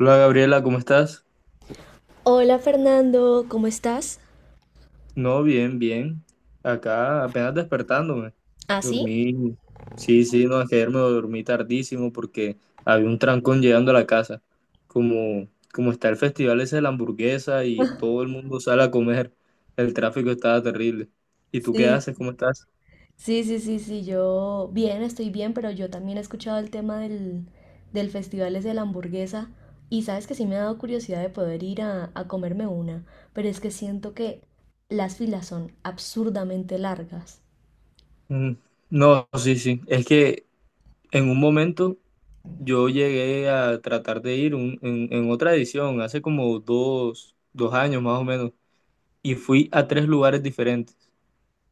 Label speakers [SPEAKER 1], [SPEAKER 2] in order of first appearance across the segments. [SPEAKER 1] Hola Gabriela, ¿cómo estás?
[SPEAKER 2] Hola Fernando, ¿cómo estás?
[SPEAKER 1] No, bien, bien. Acá apenas despertándome.
[SPEAKER 2] ¿Ah, sí?
[SPEAKER 1] Dormí. Sí, sí, no, es que ayer me dormí tardísimo porque había un trancón llegando a la casa. Como, como está el festival ese de la hamburguesa y todo el mundo sale a comer, el tráfico estaba terrible. ¿Y tú qué
[SPEAKER 2] Sí,
[SPEAKER 1] haces? ¿Cómo estás?
[SPEAKER 2] Sí, sí, sí, sí, yo bien, estoy bien, pero yo también he escuchado el tema del Festival ese de la hamburguesa y sabes que sí me ha dado curiosidad de poder ir a comerme una, pero es que siento que las filas son absurdamente largas.
[SPEAKER 1] Mm. No, sí, sí. Es que en un momento yo llegué a tratar de ir en otra edición, hace como dos años más o menos y fui a tres lugares diferentes.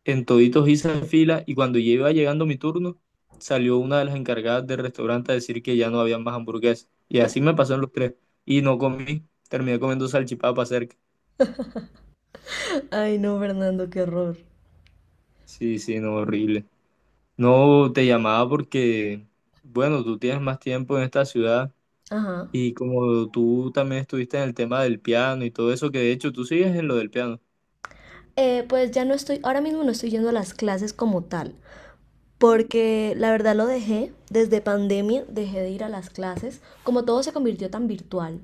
[SPEAKER 1] En toditos hice fila y cuando ya iba llegando mi turno, salió una de las encargadas del restaurante a decir que ya no había más hamburguesas. Y así me pasó en los tres. Y no comí, terminé comiendo salchipapa cerca.
[SPEAKER 2] Ay, no, Fernando, qué horror.
[SPEAKER 1] Sí, sí, no, horrible. No te llamaba porque, bueno, tú tienes más tiempo en esta ciudad
[SPEAKER 2] Ajá.
[SPEAKER 1] y como tú también estuviste en el tema del piano y todo eso, que de hecho tú sigues en lo del piano.
[SPEAKER 2] Pues ya no estoy, ahora mismo no estoy yendo a las clases como tal, porque la verdad lo dejé, desde pandemia dejé de ir a las clases, como todo se convirtió tan virtual,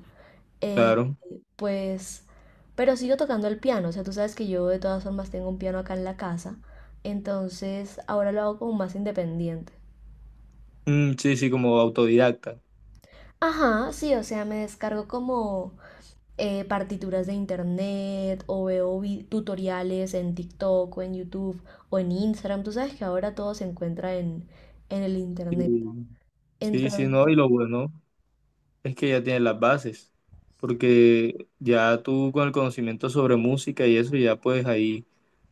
[SPEAKER 2] eh,
[SPEAKER 1] Claro.
[SPEAKER 2] pues, pero sigo tocando el piano, o sea, tú sabes que yo de todas formas tengo un piano acá en la casa, entonces ahora lo hago como más independiente.
[SPEAKER 1] Mm, sí, sí, como autodidacta.
[SPEAKER 2] Ajá, sí, o sea, me descargo como partituras de internet o veo tutoriales en TikTok o en YouTube o en Instagram, tú sabes que ahora todo se encuentra en el internet.
[SPEAKER 1] Sí, sí, sí, no,
[SPEAKER 2] Entonces...
[SPEAKER 1] y lo bueno es que ya tienes las bases, porque ya tú con el conocimiento sobre música y eso, ya pues ahí,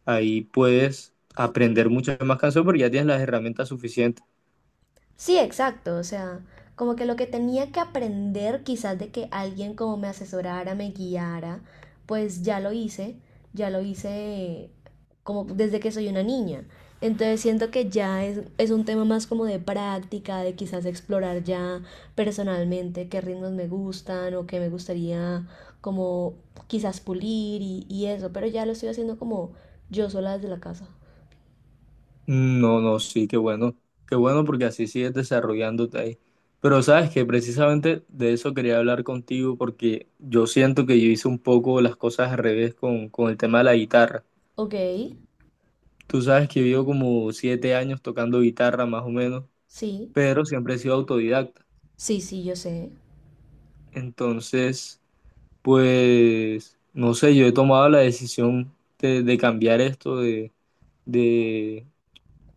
[SPEAKER 1] ahí puedes aprender muchas más canciones porque ya tienes las herramientas suficientes.
[SPEAKER 2] Sí, exacto, o sea, como que lo que tenía que aprender quizás de que alguien como me asesorara, me guiara, pues ya lo hice como desde que soy una niña. Entonces siento que es un tema más como de práctica, de quizás explorar ya personalmente qué ritmos me gustan o qué me gustaría como quizás pulir y eso, pero ya lo estoy haciendo como yo sola desde la casa.
[SPEAKER 1] No, no, sí, qué bueno porque así sigues desarrollándote ahí. Pero sabes que precisamente de eso quería hablar contigo porque yo siento que yo hice un poco las cosas al revés con el tema de la guitarra.
[SPEAKER 2] Ok,
[SPEAKER 1] Tú sabes que yo como 7 años tocando guitarra más o menos,
[SPEAKER 2] sí,
[SPEAKER 1] pero siempre he sido autodidacta.
[SPEAKER 2] sí, sí, yo sé.
[SPEAKER 1] Entonces, pues, no sé, yo he tomado la decisión de cambiar esto, de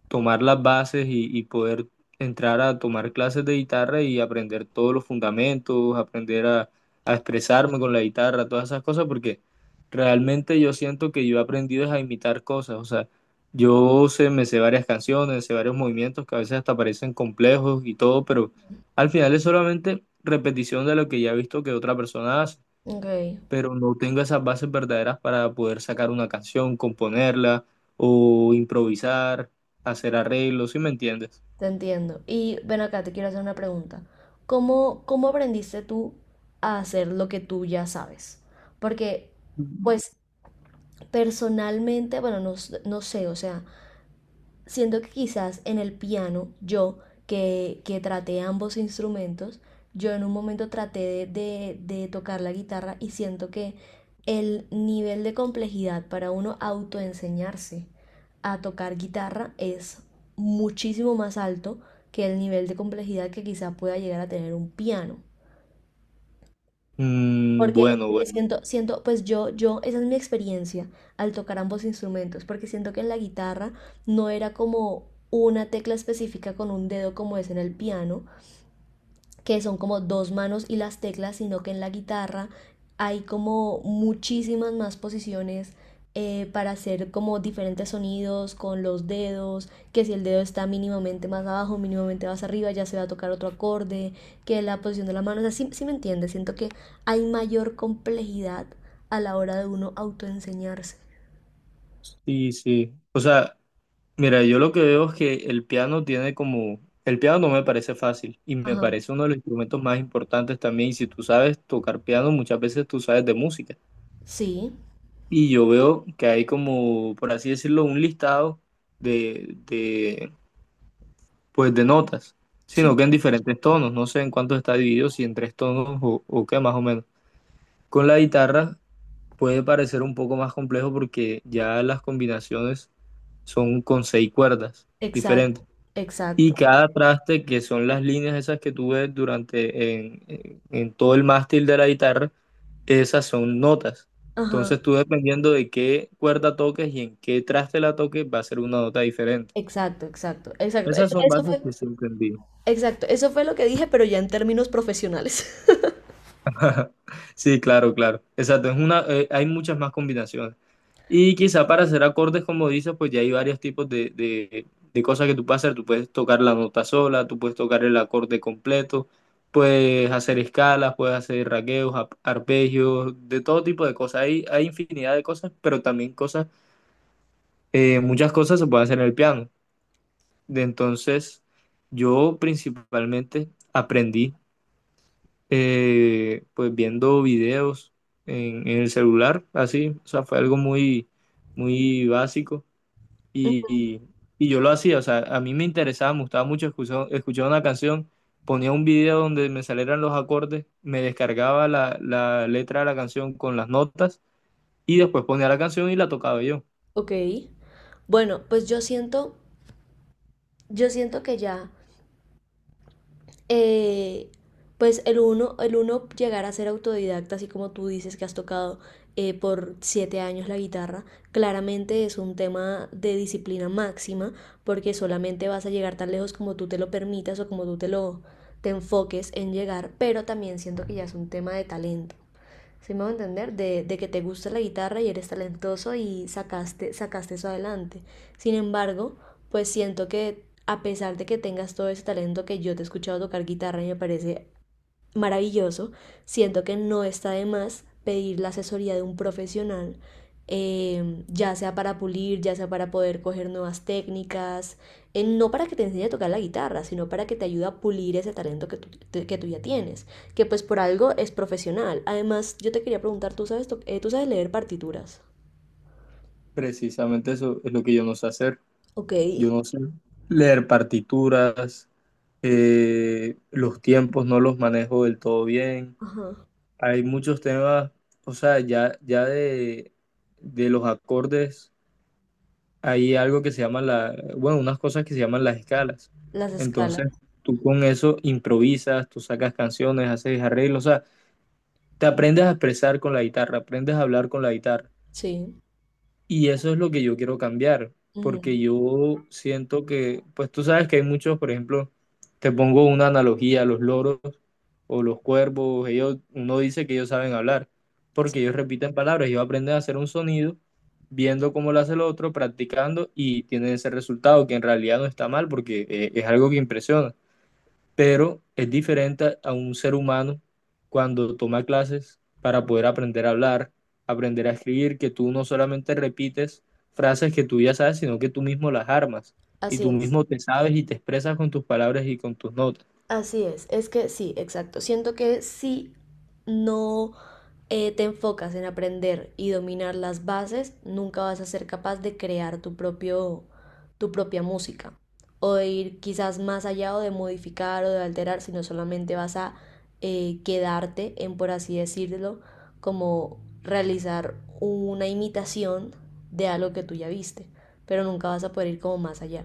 [SPEAKER 1] tomar las bases y poder entrar a tomar clases de guitarra y aprender todos los fundamentos, aprender a expresarme con la guitarra, todas esas cosas, porque realmente yo siento que yo he aprendido es a imitar cosas, o sea, yo sé, me sé varias canciones, sé varios movimientos que a veces hasta parecen complejos y todo, pero al final es solamente repetición de lo que ya he visto que otra persona hace,
[SPEAKER 2] Ok.
[SPEAKER 1] pero no tengo esas bases verdaderas para poder sacar una canción, componerla o improvisar, hacer arreglos, ¿sí me entiendes?
[SPEAKER 2] Te entiendo. Y ven acá, te quiero hacer una pregunta. Cómo aprendiste tú a hacer lo que tú ya sabes? Porque, pues, personalmente, bueno, no, no sé, o sea, siendo que quizás en el piano, yo que traté ambos instrumentos, yo en un momento traté de tocar la guitarra y siento que el nivel de complejidad para uno autoenseñarse a tocar guitarra es muchísimo más alto que el nivel de complejidad que quizás pueda llegar a tener un piano.
[SPEAKER 1] Mm, bueno,
[SPEAKER 2] Porque
[SPEAKER 1] bueno.
[SPEAKER 2] siento, pues yo, esa es mi experiencia al tocar ambos instrumentos, porque siento que en la guitarra no era como una tecla específica con un dedo como es en el piano, que son como dos manos y las teclas, sino que en la guitarra hay como muchísimas más posiciones para hacer como diferentes sonidos con los dedos, que si el dedo está mínimamente más abajo, mínimamente más arriba, ya se va a tocar otro acorde, que la posición de la mano, o sea, sí me entiendes. Siento que hay mayor complejidad a la hora de uno autoenseñarse.
[SPEAKER 1] Sí, sí. O sea, mira, yo lo que veo es que el piano tiene como. El piano no me parece fácil y me
[SPEAKER 2] Ajá.
[SPEAKER 1] parece uno de los instrumentos más importantes también. Y si tú sabes tocar piano, muchas veces tú sabes de música.
[SPEAKER 2] Sí,
[SPEAKER 1] Y yo veo que hay como, por así decirlo, un listado de, pues de notas,
[SPEAKER 2] sí,
[SPEAKER 1] sino que en diferentes tonos, no sé en cuánto está dividido, si en tres tonos o qué más o menos. Con la guitarra puede parecer un poco más complejo porque ya las combinaciones son con seis cuerdas diferentes.
[SPEAKER 2] exacto,
[SPEAKER 1] Y
[SPEAKER 2] exacto.
[SPEAKER 1] cada traste, que son las líneas esas que tú ves durante en todo el mástil de la guitarra, esas son notas.
[SPEAKER 2] Ajá.
[SPEAKER 1] Entonces tú dependiendo de qué cuerda toques y en qué traste la toques, va a ser una nota diferente.
[SPEAKER 2] Exacto, exacto, exacto.
[SPEAKER 1] Esas son
[SPEAKER 2] Eso
[SPEAKER 1] bases
[SPEAKER 2] fue,
[SPEAKER 1] que siempre envío.
[SPEAKER 2] Exacto, eso fue lo que dije, pero ya en términos profesionales.
[SPEAKER 1] Sí, claro, claro. Exacto, hay muchas más combinaciones. Y quizá para hacer acordes, como dices, pues ya hay varios tipos de cosas que tú puedes hacer. Tú puedes tocar la nota sola, tú puedes tocar el acorde completo, puedes hacer escalas, puedes hacer raqueos, arpegios, de todo tipo de cosas. Hay infinidad de cosas, pero también cosas, muchas cosas se pueden hacer en el piano. De Entonces, yo principalmente aprendí pues viendo videos en el celular, así, o sea, fue algo muy, muy básico y, y- y yo lo hacía, o sea, a mí me interesaba, me gustaba mucho escuchar una canción, ponía un video donde me salieran los acordes, me descargaba la letra de la canción con las notas y después ponía la canción y la tocaba yo.
[SPEAKER 2] Ok. Bueno, pues yo siento que ya, eh, pues el uno llegar a ser autodidacta, así como tú dices que has tocado por 7 años la guitarra, claramente es un tema de disciplina máxima, porque solamente vas a llegar tan lejos como tú te lo permitas o como tú te lo te enfoques en llegar, pero también siento que ya es un tema de talento. ¿Sí me voy a entender? De que te gusta la guitarra y eres talentoso y sacaste eso adelante. Sin embargo, pues siento que a pesar de que tengas todo ese talento que yo te he escuchado tocar guitarra y me parece maravilloso. Siento que no está de más pedir la asesoría de un profesional, ya sea para pulir, ya sea para poder coger nuevas técnicas, no para que te enseñe a tocar la guitarra, sino para que te ayude a pulir ese talento que tú ya tienes, que pues por algo es profesional. Además, yo te quería preguntar, ¿tú sabes, ¿tú sabes leer partituras?
[SPEAKER 1] Precisamente eso es lo que yo no sé hacer,
[SPEAKER 2] Ok.
[SPEAKER 1] yo no sé leer partituras. Los tiempos no los manejo del todo bien.
[SPEAKER 2] Ajá.
[SPEAKER 1] Hay muchos temas, o sea, ya, ya de los acordes, hay algo que se llama bueno, unas cosas que se llaman las escalas.
[SPEAKER 2] Las escalas.
[SPEAKER 1] Entonces, tú con eso improvisas, tú sacas canciones, haces arreglos, o sea, te aprendes a expresar con la guitarra, aprendes a hablar con la guitarra.
[SPEAKER 2] Sí.
[SPEAKER 1] Y eso es lo que yo quiero cambiar,
[SPEAKER 2] Ujú.
[SPEAKER 1] porque yo siento que, pues tú sabes que hay muchos, por ejemplo, te pongo una analogía, los loros, o los cuervos, ellos uno dice que ellos saben hablar,
[SPEAKER 2] Sí,
[SPEAKER 1] porque ellos repiten palabras, ellos aprenden a hacer un sonido, viendo cómo lo hace el otro, practicando y tienen ese resultado que en realidad no está mal porque es algo que impresiona, pero es diferente a un ser humano cuando toma clases para poder aprender a hablar, aprender a escribir, que tú no solamente repites frases que tú ya sabes, sino que tú mismo las armas. Y
[SPEAKER 2] así
[SPEAKER 1] tú
[SPEAKER 2] es.
[SPEAKER 1] mismo te sabes y te expresas con tus palabras y con tus notas.
[SPEAKER 2] Así es que sí, exacto. Siento que si no te enfocas en aprender y dominar las bases, nunca vas a ser capaz de crear tu propia música o de ir quizás más allá o de modificar o de alterar, sino solamente vas a quedarte en, por así decirlo, como realizar una imitación de algo que tú ya viste, pero nunca vas a poder ir como más allá.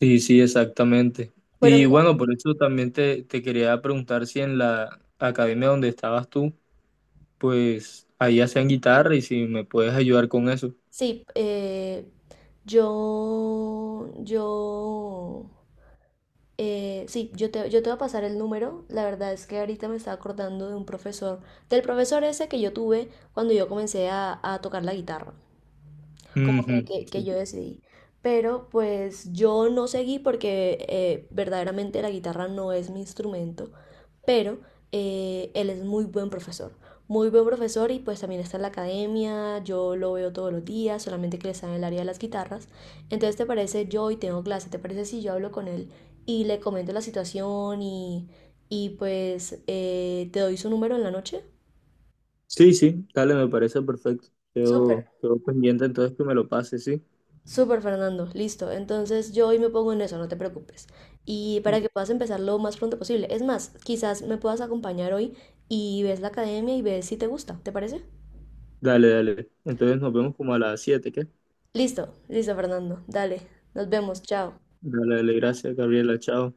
[SPEAKER 1] Sí, sí, exactamente.
[SPEAKER 2] Bueno,
[SPEAKER 1] Y
[SPEAKER 2] mira,
[SPEAKER 1] bueno, por eso también te quería preguntar si en la academia donde estabas tú, pues ahí hacían guitarra y si me puedes ayudar con eso.
[SPEAKER 2] sí, yo, yo, sí, yo te voy a pasar el número. La verdad es que ahorita me estaba acordando de un profesor, del profesor ese que yo tuve cuando yo comencé a tocar la guitarra como
[SPEAKER 1] Ujú,
[SPEAKER 2] que
[SPEAKER 1] sí.
[SPEAKER 2] yo decidí. Pero pues yo no seguí porque verdaderamente la guitarra no es mi instrumento, pero él es muy buen profesor. Muy buen profesor y pues también está en la academia, yo lo veo todos los días, solamente que él está en el área de las guitarras. Entonces, ¿te parece yo hoy tengo clase? ¿Te parece si yo hablo con él y le comento la situación y pues te doy su número en la noche?
[SPEAKER 1] Sí, sí, dale, me parece perfecto.
[SPEAKER 2] Súper.
[SPEAKER 1] Quedo pendiente entonces que me lo pases, sí.
[SPEAKER 2] Súper, Fernando. Listo. Entonces yo hoy me pongo en eso, no te preocupes. Y para que puedas empezar lo más pronto posible. Es más, quizás me puedas acompañar hoy y ves la academia y ves si te gusta. ¿Te parece?
[SPEAKER 1] Dale, dale. Entonces nos vemos como a las 7, ¿qué?
[SPEAKER 2] Listo, listo, Fernando. Dale. Nos vemos. Chao.
[SPEAKER 1] Dale, dale, gracias, Gabriela, chao.